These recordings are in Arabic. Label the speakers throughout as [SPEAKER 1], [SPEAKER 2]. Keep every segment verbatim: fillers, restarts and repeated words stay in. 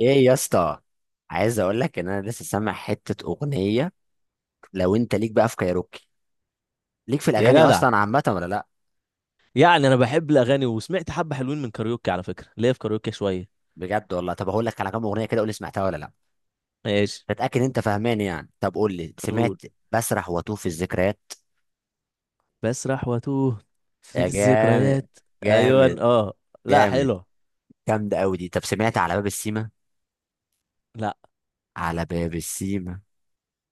[SPEAKER 1] ايه يا اسطى؟ عايز اقول لك ان انا لسه سامع حته اغنيه. لو انت ليك بقى في كايروكي، ليك في
[SPEAKER 2] يا
[SPEAKER 1] الاغاني
[SPEAKER 2] جدع،
[SPEAKER 1] اصلا عامه ولا لا؟
[SPEAKER 2] يعني انا بحب الاغاني وسمعت حبه حلوين من كاريوكي. على فكره ليا في كاريوكي شويه.
[SPEAKER 1] بجد والله. طب هقول لك على كام اغنيه كده، قول لي سمعتها ولا لا.
[SPEAKER 2] ماشي،
[SPEAKER 1] تتاكد انت فاهمان يعني. طب قول لي
[SPEAKER 2] قول.
[SPEAKER 1] سمعت. بسرح واتوه في الذكريات.
[SPEAKER 2] بسرح واتوه في
[SPEAKER 1] يا
[SPEAKER 2] الذكريات.
[SPEAKER 1] جامد.
[SPEAKER 2] ايوه
[SPEAKER 1] جامد.
[SPEAKER 2] اه، لا
[SPEAKER 1] جامد.
[SPEAKER 2] حلوه.
[SPEAKER 1] جامده قوي دي. طب سمعت على باب السيما؟
[SPEAKER 2] لا،
[SPEAKER 1] على باب السيما،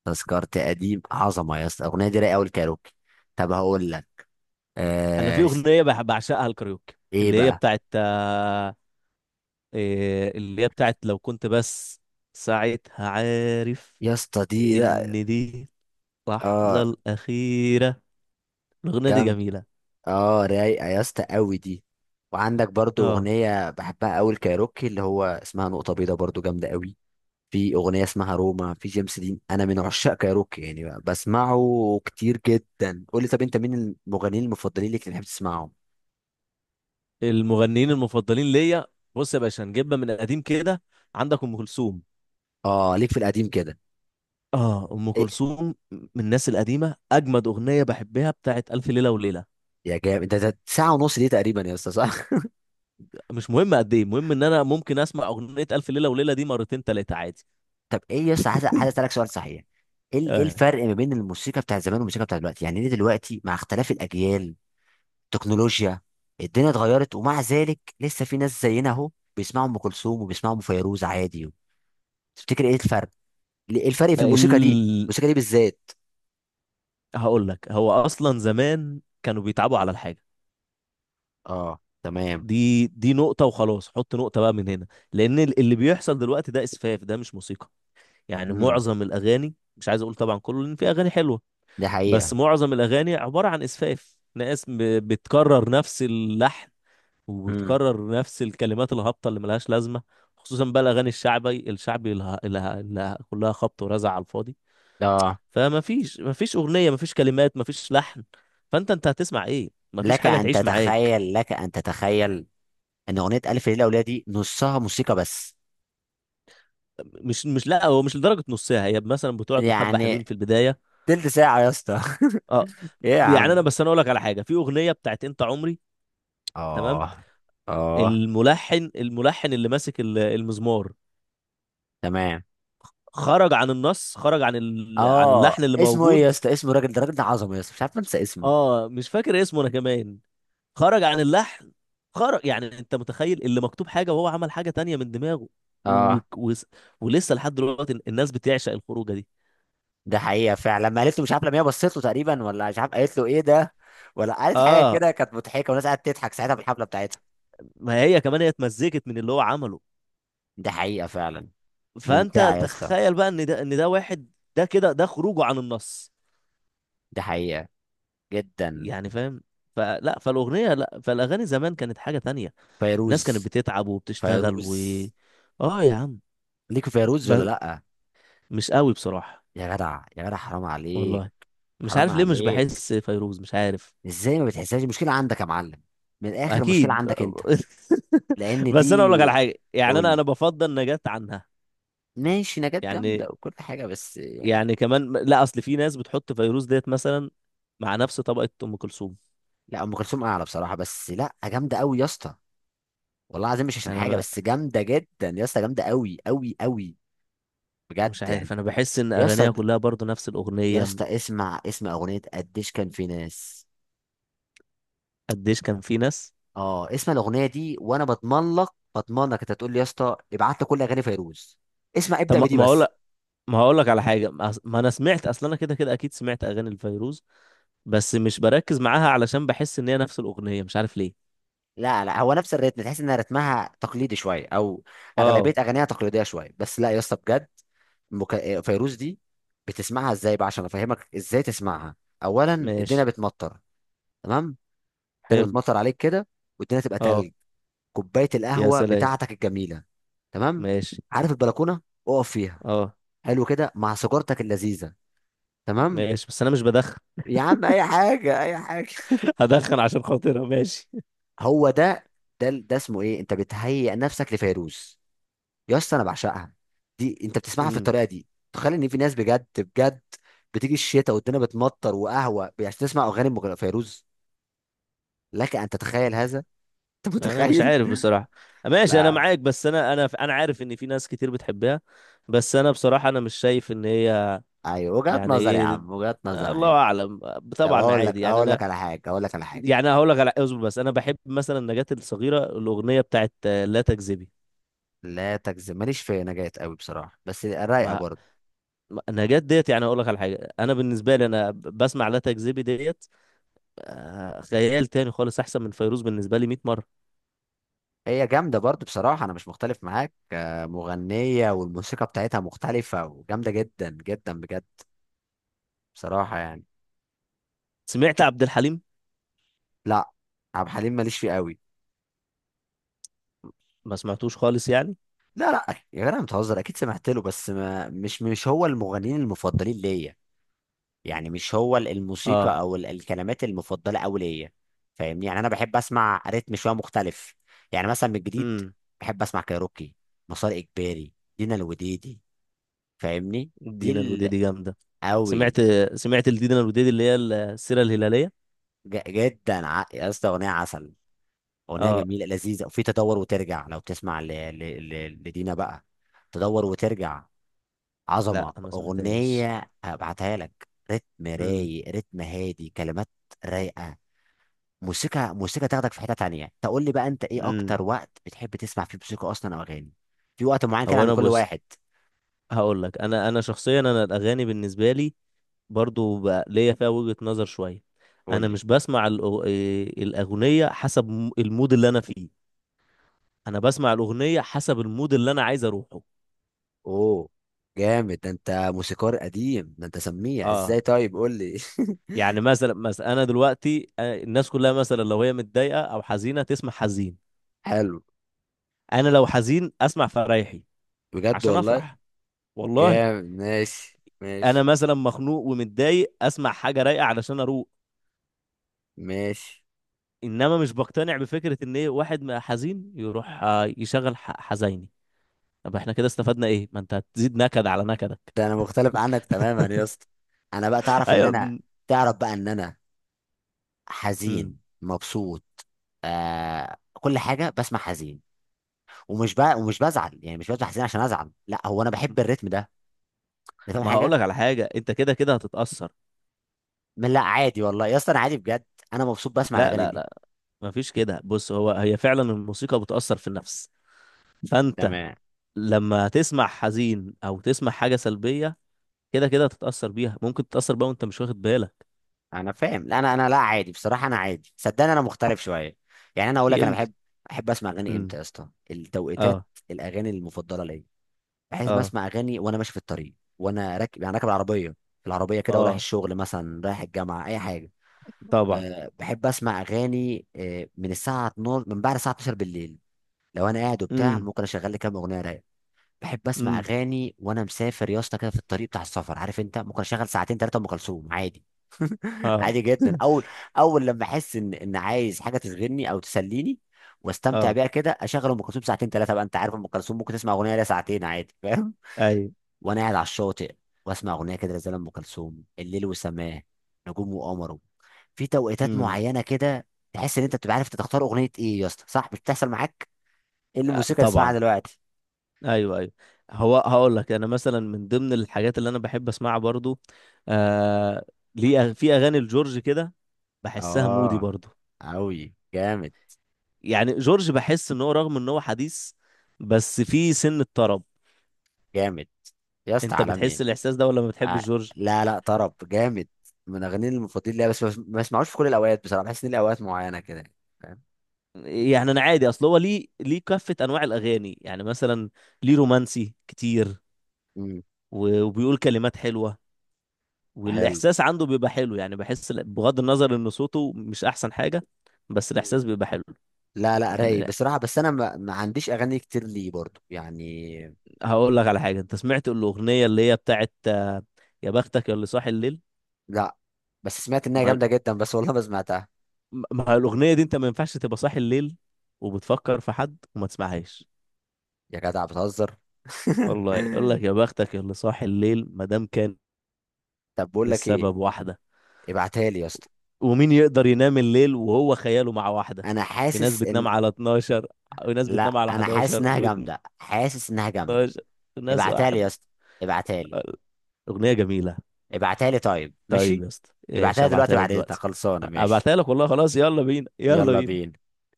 [SPEAKER 1] تذكرت قديم. عظمه يا اسطى، الاغنيه دي رايقه قوي الكايروكي. طب هقول لك
[SPEAKER 2] انا في
[SPEAKER 1] آه...
[SPEAKER 2] اغنيه بح- بعشقها الكاريوكي،
[SPEAKER 1] ايه
[SPEAKER 2] اللي هي
[SPEAKER 1] بقى؟
[SPEAKER 2] بتاعت، آه، إيه، اللي هي بتاعت لو كنت بس، ساعتها عارف
[SPEAKER 1] يا اسطى دي، لا.
[SPEAKER 2] ان دي اللحظه
[SPEAKER 1] اه
[SPEAKER 2] الاخيره. الاغنيه دي
[SPEAKER 1] جامده.
[SPEAKER 2] جميله.
[SPEAKER 1] اه رايقه يا اسطى قوي دي. وعندك برضو
[SPEAKER 2] اه.
[SPEAKER 1] اغنيه بحبها قوي الكايروكي، اللي هو اسمها نقطه بيضاء، برضو جامده قوي. في اغنيه اسمها روما، في جيمس دين. انا من عشاق كايروكي يعني، بقى بسمعه كتير جدا. قول لي طب، انت مين المغنيين المفضلين ليك اللي بتحب تسمعهم؟
[SPEAKER 2] المغنيين المفضلين ليا؟ بص يا باشا، نجيبها من قديم كده. عندك ام كلثوم.
[SPEAKER 1] اه ليك في القديم كده.
[SPEAKER 2] اه، ام
[SPEAKER 1] إيه؟
[SPEAKER 2] كلثوم من الناس القديمه، اجمد اغنيه بحبها بتاعت الف ليله وليله.
[SPEAKER 1] يا جامد. ده, ده ساعه ونص دي تقريبا يا اسطى، صح؟
[SPEAKER 2] مش مهم قد ايه، المهم ان انا ممكن اسمع اغنيه الف ليله وليله دي مرتين تلاته عادي.
[SPEAKER 1] طب ايه يا اسطى، عايز عايز اسالك سؤال صحيح. ايه ال- إيه
[SPEAKER 2] آه.
[SPEAKER 1] الفرق ما بين الموسيقى بتاعت زمان والموسيقى بتاعت دلوقتي؟ يعني ليه دلوقتي، مع اختلاف الاجيال، تكنولوجيا، الدنيا اتغيرت، ومع ذلك لسه في ناس زينا اهو بيسمعوا ام كلثوم وبيسمعوا ام فيروز عادي. تفتكر ايه الفرق؟ ايه الفرق في الموسيقى دي،
[SPEAKER 2] ال...
[SPEAKER 1] الموسيقى دي بالذات؟
[SPEAKER 2] هقول لك، هو اصلا زمان كانوا بيتعبوا على الحاجه.
[SPEAKER 1] اه تمام.
[SPEAKER 2] دي دي نقطه وخلاص، حط نقطه بقى من هنا. لان ال- اللي بيحصل دلوقتي ده اسفاف، ده مش موسيقى. يعني
[SPEAKER 1] امم.
[SPEAKER 2] معظم الاغاني، مش عايز اقول طبعا كله لان في اغاني حلوه،
[SPEAKER 1] دي
[SPEAKER 2] بس
[SPEAKER 1] حقيقة.
[SPEAKER 2] معظم الاغاني عباره عن اسفاف. ناس ب- بتكرر نفس اللحن،
[SPEAKER 1] امم.
[SPEAKER 2] وبتكرر نفس الكلمات الهابطة اللي ملهاش لازمة. خصوصا بقى الأغاني الشعبي الشعبي اللي اللي- اللي كلها خبط ورزع على الفاضي.
[SPEAKER 1] اه.
[SPEAKER 2] فما فيش ما فيش أغنية، ما فيش كلمات، ما فيش لحن. فأنت أنت هتسمع إيه؟ ما فيش
[SPEAKER 1] لك
[SPEAKER 2] حاجة
[SPEAKER 1] ان
[SPEAKER 2] تعيش معاك.
[SPEAKER 1] تتخيل لك ان تتخيل ان اغنية الف ليلة وليلة دي نصها موسيقى بس.
[SPEAKER 2] مش مش لا، هو مش لدرجة نص ساعة، هي مثلا بتقعد محبة حلوين
[SPEAKER 1] يعني
[SPEAKER 2] في البداية.
[SPEAKER 1] تلت ساعة يا اسطى.
[SPEAKER 2] اه.
[SPEAKER 1] ايه يا
[SPEAKER 2] يعني أنا
[SPEAKER 1] عم.
[SPEAKER 2] بس أنا أقول لك على حاجة، في أغنية بتاعت أنت عمري، تمام.
[SPEAKER 1] اه. اه
[SPEAKER 2] الملحن الملحن اللي ماسك ال- المزمار،
[SPEAKER 1] تمام.
[SPEAKER 2] خرج عن النص، خرج عن ال... عن
[SPEAKER 1] اه
[SPEAKER 2] اللحن اللي
[SPEAKER 1] اسمه ايه يا
[SPEAKER 2] موجود.
[SPEAKER 1] اسطى؟ اسمه الراجل ده، الراجل ده عظمه يا اسطى، مش عارف انسى اسمه.
[SPEAKER 2] اه مش فاكر اسمه انا كمان. خرج عن اللحن، خرج. يعني انت متخيل اللي مكتوب حاجه وهو عمل حاجه تانية من دماغه، و... و...
[SPEAKER 1] اه.
[SPEAKER 2] و... ولسه لحد دلوقتي الناس بتعشق الخروجه دي.
[SPEAKER 1] ده حقيقة فعلا، لما قالت له مش عارف، لما هي بصيت له تقريبا، ولا مش عارف قالت له ايه ده، ولا قالت حاجة
[SPEAKER 2] اه،
[SPEAKER 1] كده كانت مضحكة، والناس قاعدة تضحك ساعتها في الحفلة بتاعتها.
[SPEAKER 2] ما هي كمان هي اتمزجت من اللي هو عمله.
[SPEAKER 1] ده حقيقة فعلا. ممتعة
[SPEAKER 2] فانت
[SPEAKER 1] يا اسطى.
[SPEAKER 2] تخيل بقى ان ده ان ده واحد. ده كده، ده خروجه عن النص.
[SPEAKER 1] ده حقيقة جدا.
[SPEAKER 2] يعني فاهم. فلا فالاغنيه لا فالاغاني زمان كانت حاجه تانية. الناس كانت
[SPEAKER 1] فيروز.
[SPEAKER 2] بتتعب وبتشتغل و...
[SPEAKER 1] فيروز
[SPEAKER 2] اه يا عم.
[SPEAKER 1] ليك في فيروز ولا
[SPEAKER 2] ب...
[SPEAKER 1] لأ؟
[SPEAKER 2] مش قوي بصراحه.
[SPEAKER 1] يا جدع، يا جدع، حرام عليك.
[SPEAKER 2] والله مش
[SPEAKER 1] حرام
[SPEAKER 2] عارف ليه، مش
[SPEAKER 1] عليك،
[SPEAKER 2] بحس فيروز، مش عارف.
[SPEAKER 1] ازاي ما بتحسهاش؟ المشكلة عندك يا معلم، من الآخر المشكلة
[SPEAKER 2] اكيد.
[SPEAKER 1] عندك انت. لأن
[SPEAKER 2] بس انا اقول لك على
[SPEAKER 1] دي،
[SPEAKER 2] حاجه، يعني انا انا
[SPEAKER 1] بقول،
[SPEAKER 2] بفضل نجاة عنها.
[SPEAKER 1] ماشي نجاة
[SPEAKER 2] يعني
[SPEAKER 1] جامدة وكل حاجة بس يعني.
[SPEAKER 2] يعني كمان لا، اصل في ناس بتحط فيروز ديت مثلا مع نفس طبقه ام كلثوم.
[SPEAKER 1] لا، أم كلثوم أعلى بصراحة، بس لأ جامدة أوي يا اسطى. والله العظيم مش عشان
[SPEAKER 2] انا
[SPEAKER 1] حاجه،
[SPEAKER 2] ما
[SPEAKER 1] بس جامده جدا يا اسطى، جامده قوي قوي قوي. بجد
[SPEAKER 2] مش
[SPEAKER 1] يعني.
[SPEAKER 2] عارف، انا بحس ان
[SPEAKER 1] يا اسطى،
[SPEAKER 2] اغانيها كلها برضو نفس
[SPEAKER 1] يا
[SPEAKER 2] الاغنيه م-
[SPEAKER 1] اسطى اسمع، اسمع اغنيه قديش كان في ناس.
[SPEAKER 2] قديش كان في ناس.
[SPEAKER 1] اه اسمع الاغنيه دي، وانا بضمن لك، بضمن لك انت تقول لي يا اسطى ابعت لي كل اغاني فيروز. اسمع
[SPEAKER 2] طب
[SPEAKER 1] ابدا
[SPEAKER 2] ما
[SPEAKER 1] بدي
[SPEAKER 2] ما اقول،
[SPEAKER 1] بس.
[SPEAKER 2] ما هقول لك على حاجه، ما أص- ما انا سمعت اصلا، انا كده كده اكيد سمعت اغاني الفيروز، بس مش بركز معاها علشان بحس ان هي نفس الاغنيه، مش عارف ليه.
[SPEAKER 1] لا لا، هو نفس الريتم، تحس ان رتمها تقليدي شويه، او اغلبيه
[SPEAKER 2] اه
[SPEAKER 1] اغانيها تقليديه شويه. بس لا يا اسطى بجد، مك... فيروز دي بتسمعها ازاي بقى؟ عشان افهمك ازاي تسمعها. اولا، الدنيا
[SPEAKER 2] ماشي.
[SPEAKER 1] بتمطر. تمام. الدنيا
[SPEAKER 2] حلو.
[SPEAKER 1] بتمطر عليك كده، والدنيا تبقى
[SPEAKER 2] اه
[SPEAKER 1] تلج. كوبايه
[SPEAKER 2] يا
[SPEAKER 1] القهوه
[SPEAKER 2] سلام
[SPEAKER 1] بتاعتك الجميله، تمام.
[SPEAKER 2] ماشي.
[SPEAKER 1] عارف البلكونه، اقف فيها.
[SPEAKER 2] اه
[SPEAKER 1] حلو كده مع سيجارتك اللذيذه، تمام.
[SPEAKER 2] ماشي بس انا مش بدخن.
[SPEAKER 1] يا عم اي حاجه، اي حاجه.
[SPEAKER 2] هدخن عشان خاطرها ماشي.
[SPEAKER 1] هو ده، ده. ده اسمه ايه؟ انت بتهيئ نفسك لفيروز. يا اسطى انا بعشقها دي. انت بتسمعها في
[SPEAKER 2] امم.
[SPEAKER 1] الطريقه دي، تخيل ان في ناس بجد بجد بتيجي الشتاء والدنيا بتمطر وقهوه عشان تسمع اغاني مغ- فيروز. لك ان تتخيل هذا. انت
[SPEAKER 2] انا مش
[SPEAKER 1] متخيل؟
[SPEAKER 2] عارف بصراحة. ماشي انا
[SPEAKER 1] لا.
[SPEAKER 2] معاك، بس انا انا انا عارف ان في ناس كتير بتحبها، بس انا بصراحة انا مش شايف ان هي.
[SPEAKER 1] ايوه وجهات
[SPEAKER 2] يعني
[SPEAKER 1] نظر يا
[SPEAKER 2] ايه.
[SPEAKER 1] عم، وجهات نظر
[SPEAKER 2] الله
[SPEAKER 1] عادي.
[SPEAKER 2] اعلم.
[SPEAKER 1] طب
[SPEAKER 2] طبعا
[SPEAKER 1] اقول
[SPEAKER 2] عادي
[SPEAKER 1] لك،
[SPEAKER 2] يعني
[SPEAKER 1] اقول
[SPEAKER 2] انا.
[SPEAKER 1] لك على حاجه اقول لك على حاجه.
[SPEAKER 2] يعني هقول لك على، اصبر، بس انا بحب مثلا نجاة الصغيرة، الاغنية بتاعت آه، لا تكذبي.
[SPEAKER 1] لا تجزم، ماليش في نجاة قوي بصراحه، بس رايقه
[SPEAKER 2] ما
[SPEAKER 1] برضه.
[SPEAKER 2] ما- نجاة ديت، يعني هقول لك على حاجة، انا بالنسبة لي انا بسمع لا تكذبي ديت، آه، خيال تاني خالص احسن من فيروز بالنسبه لي مية مره.
[SPEAKER 1] هي جامده برضه بصراحه، انا مش مختلف معاك، آه، مغنيه والموسيقى بتاعتها مختلفه وجامده جدا جدا بجد. بصراحه يعني.
[SPEAKER 2] سمعت عبد الحليم؟
[SPEAKER 1] لا، عبد الحليم ماليش فيه قوي.
[SPEAKER 2] ما سمعتوش خالص يعني.
[SPEAKER 1] لا لا يا جدع بتهزر، اكيد سمعت له، بس ما، مش مش هو المغنيين المفضلين ليا يعني. مش هو ال-
[SPEAKER 2] اه.
[SPEAKER 1] الموسيقى او ال- الكلمات المفضله قوي ليا. فاهمني يعني، انا بحب اسمع رتم شويه مختلف. يعني مثلا من الجديد،
[SPEAKER 2] امم.
[SPEAKER 1] بحب اسمع كايروكي، مسار اجباري، دينا الوديدي. فاهمني؟ دي
[SPEAKER 2] دينا
[SPEAKER 1] ال-
[SPEAKER 2] الوديدي جامده. سمعت
[SPEAKER 1] قوي.
[SPEAKER 2] سمعت الدينا الوديدي اللي هي السيره الهلاليه.
[SPEAKER 1] ج- جدا، ع- يا اسطى اغنيه عسل، اغنيه
[SPEAKER 2] اه
[SPEAKER 1] جميله لذيذه. وفي تدور وترجع، لو تسمع ل... ل... ل... لدينا بقى. تدور وترجع،
[SPEAKER 2] لا
[SPEAKER 1] عظمه
[SPEAKER 2] ما سمعتهاش.
[SPEAKER 1] اغنيه، هبعتها لك. رتم
[SPEAKER 2] امم
[SPEAKER 1] رايق، رتم هادي، كلمات رايقه. موسيقى، موسيقى تاخدك في حتة تانية. تقول لي بقى انت، ايه
[SPEAKER 2] امم
[SPEAKER 1] اكتر وقت بتحب تسمع فيه موسيقى اصلا او اغاني؟ في وقت معين كده
[SPEAKER 2] هو
[SPEAKER 1] عند
[SPEAKER 2] انا
[SPEAKER 1] كل
[SPEAKER 2] بص،
[SPEAKER 1] واحد.
[SPEAKER 2] هقول لك، انا انا شخصيا انا الاغاني بالنسبه لي برضو بقى ليا فيها وجهه نظر شويه.
[SPEAKER 1] قول
[SPEAKER 2] انا
[SPEAKER 1] لي.
[SPEAKER 2] مش بسمع الأغ- إيه، الاغنيه حسب م- المود اللي انا فيه، انا بسمع الاغنيه حسب المود اللي انا عايز اروحه.
[SPEAKER 1] اوه جامد، ده انت موسيقار قديم، ده انت سميع
[SPEAKER 2] اه.
[SPEAKER 1] ازاي؟ طيب قول لي.
[SPEAKER 2] يعني مثلا مثلا انا دلوقتي، آه، الناس كلها مثلا لو هي متضايقه او حزينه تسمع حزين،
[SPEAKER 1] حلو.
[SPEAKER 2] انا لو حزين اسمع فرايحي
[SPEAKER 1] بجد
[SPEAKER 2] عشان
[SPEAKER 1] والله.
[SPEAKER 2] افرح، والله.
[SPEAKER 1] جامد ماشي
[SPEAKER 2] انا
[SPEAKER 1] ماشي.
[SPEAKER 2] مثلا مخنوق ومتضايق اسمع حاجه رايقه علشان اروق.
[SPEAKER 1] ماشي.
[SPEAKER 2] انما مش بقتنع بفكره ان ايه واحد ما حزين يروح آه، يشغل ح- حزيني. طب احنا كده استفدنا ايه؟ ما انت هتزيد نكد على نكدك.
[SPEAKER 1] ده انا مختلف عنك تماما يا اسطى. انا بقى، تعرف ان
[SPEAKER 2] ايوه.
[SPEAKER 1] انا،
[SPEAKER 2] م-
[SPEAKER 1] تعرف بقى ان انا،
[SPEAKER 2] م-
[SPEAKER 1] حزين مبسوط، آه كل حاجة بسمع حزين. ومش بقى، ومش بزعل يعني، مش بفتح حزين عشان ازعل، لا، هو انا بحب الريتم ده. انت فاهم
[SPEAKER 2] ما هقول
[SPEAKER 1] حاجه؟
[SPEAKER 2] لك على حاجه، انت كده كده هتتاثر.
[SPEAKER 1] من لا، عادي والله يا اسطى، انا عادي بجد. انا مبسوط بسمع
[SPEAKER 2] لا
[SPEAKER 1] الاغاني
[SPEAKER 2] لا
[SPEAKER 1] دي.
[SPEAKER 2] لا مفيش كده. بص، هو هي فعلا الموسيقى بتاثر في النفس، فانت
[SPEAKER 1] تمام.
[SPEAKER 2] لما تسمع حزين او تسمع حاجه سلبيه كده كده هتتاثر بيها، ممكن تتاثر بقى وانت مش واخد بالك.
[SPEAKER 1] انا فاهم، لا انا انا لا عادي بصراحه، انا عادي صدقني، انا مختلف شويه يعني. انا اقول لك انا
[SPEAKER 2] يمكن.
[SPEAKER 1] بحب، احب اسمع اغاني امتى
[SPEAKER 2] امم.
[SPEAKER 1] يا اسطى، التوقيتات،
[SPEAKER 2] اه.
[SPEAKER 1] الاغاني المفضله ليا. بحيث ما
[SPEAKER 2] اه
[SPEAKER 1] اسمع اغاني وانا ماشي في الطريق، وانا راكب يعني راكب العربيه، في العربيه كده ورايح
[SPEAKER 2] اه
[SPEAKER 1] الشغل مثلا، رايح الجامعه، اي حاجه.
[SPEAKER 2] طبعا.
[SPEAKER 1] أه بحب اسمع اغاني أه من الساعه الثانية عشرة، من بعد الساعه اتناشر بالليل، لو انا قاعد وبتاع،
[SPEAKER 2] امم
[SPEAKER 1] ممكن اشغل لي كام اغنيه رايقه. بحب اسمع
[SPEAKER 2] امم
[SPEAKER 1] اغاني وانا مسافر يا اسطى كده في الطريق بتاع السفر، عارف انت، ممكن اشغل ساعتين ثلاثه ام كلثوم عادي.
[SPEAKER 2] اه.
[SPEAKER 1] عادي جدا. اول، اول لما احس ان ان عايز حاجه تشغلني او تسليني واستمتع
[SPEAKER 2] اه
[SPEAKER 1] بيها كده، اشغل ام كلثوم ساعتين ثلاثه. بقى انت عارف ام كلثوم ممكن تسمع اغنيه ليها ساعتين عادي، فاهم؟
[SPEAKER 2] ايوه.
[SPEAKER 1] وانا قاعد على الشاطئ واسمع اغنيه كده زي ام كلثوم الليل وسماه نجوم وقمره. في توقيتات
[SPEAKER 2] امم.
[SPEAKER 1] معينه كده، تحس ان انت بتبقى عارف أنت تختار اغنيه ايه. يا اسطى صح، مش بتحصل معاك؟ ايه
[SPEAKER 2] آه،
[SPEAKER 1] الموسيقى اللي اسمعها
[SPEAKER 2] طبعا.
[SPEAKER 1] دلوقتي؟
[SPEAKER 2] ايوه ايوه. هو هقول لك، انا مثلا من ضمن الحاجات اللي انا بحب اسمعها برضو، آه ليه أغ- في اغاني لجورج كده، بحسها مودي
[SPEAKER 1] اه.
[SPEAKER 2] برضو.
[SPEAKER 1] اوي جامد.
[SPEAKER 2] يعني جورج بحس ان هو رغم ان هو حديث، بس في سن الطرب.
[SPEAKER 1] جامد يا اسطى،
[SPEAKER 2] انت بتحس
[SPEAKER 1] عالمي.
[SPEAKER 2] الاحساس ده ولا ما بتحبش
[SPEAKER 1] آه.
[SPEAKER 2] جورج؟
[SPEAKER 1] لا لا، طرب جامد. من اغاني المفضلين ليا، بس بس- ما اسمعوش في كل الاوقات بصراحه، بحس ان ليه اوقات معينه كده يعني، فاهم؟
[SPEAKER 2] يعني انا عادي، اصل هو ليه ليه كافة انواع الاغاني، يعني مثلا ليه رومانسي كتير،
[SPEAKER 1] امم.
[SPEAKER 2] و- وبيقول كلمات حلوة،
[SPEAKER 1] حلو.
[SPEAKER 2] والاحساس عنده بيبقى حلو، يعني بحس ال- بغض النظر ان صوته مش احسن حاجة، بس
[SPEAKER 1] مم.
[SPEAKER 2] الاحساس بيبقى حلو.
[SPEAKER 1] لا لا، رايق
[SPEAKER 2] يعني
[SPEAKER 1] بصراحه، بس انا ما, ما عنديش اغاني كتير ليه برضو يعني.
[SPEAKER 2] هقول لك على حاجة، انت سمعت الاغنية اللي هي بتاعت آه، يا بختك يا اللي صاحي الليل؟
[SPEAKER 1] لا، بس سمعت انها
[SPEAKER 2] ما
[SPEAKER 1] جامده جدا، بس والله ما سمعتها.
[SPEAKER 2] ما هي الاغنية دي انت ما ينفعش تبقى صاحي الليل وبتفكر في حد وما تسمعهاش.
[SPEAKER 1] يا جدع بتهزر.
[SPEAKER 2] والله يقول لك يا بختك يا اللي صاحي الليل ما دام كان
[SPEAKER 1] طب بقول لك ايه،
[SPEAKER 2] السبب واحدة.
[SPEAKER 1] ابعتها لي يا اسطى.
[SPEAKER 2] ومين يقدر ينام الليل وهو خياله مع واحدة؟
[SPEAKER 1] انا
[SPEAKER 2] في ناس
[SPEAKER 1] حاسس ان،
[SPEAKER 2] بتنام على اتناشر، وناس بتنام
[SPEAKER 1] لا
[SPEAKER 2] على
[SPEAKER 1] انا حاسس
[SPEAKER 2] حداشر
[SPEAKER 1] انها
[SPEAKER 2] و12،
[SPEAKER 1] جامده، حاسس انها جامده.
[SPEAKER 2] وناس
[SPEAKER 1] ابعتها لي يا
[SPEAKER 2] واحدة.
[SPEAKER 1] اسطى، ابعتها لي.
[SPEAKER 2] أغنية جميلة.
[SPEAKER 1] ابعتها لي طيب،
[SPEAKER 2] طيب
[SPEAKER 1] ماشي.
[SPEAKER 2] يا اسطى،
[SPEAKER 1] ابعتها
[SPEAKER 2] ايش
[SPEAKER 1] لي دلوقتي
[SPEAKER 2] هبعتها لك
[SPEAKER 1] بعد اذنك،
[SPEAKER 2] دلوقتي؟
[SPEAKER 1] خلصانه ماشي؟
[SPEAKER 2] هبعتها لك والله خلاص، يلا بينا يلا
[SPEAKER 1] يلا
[SPEAKER 2] بينا.
[SPEAKER 1] بينا.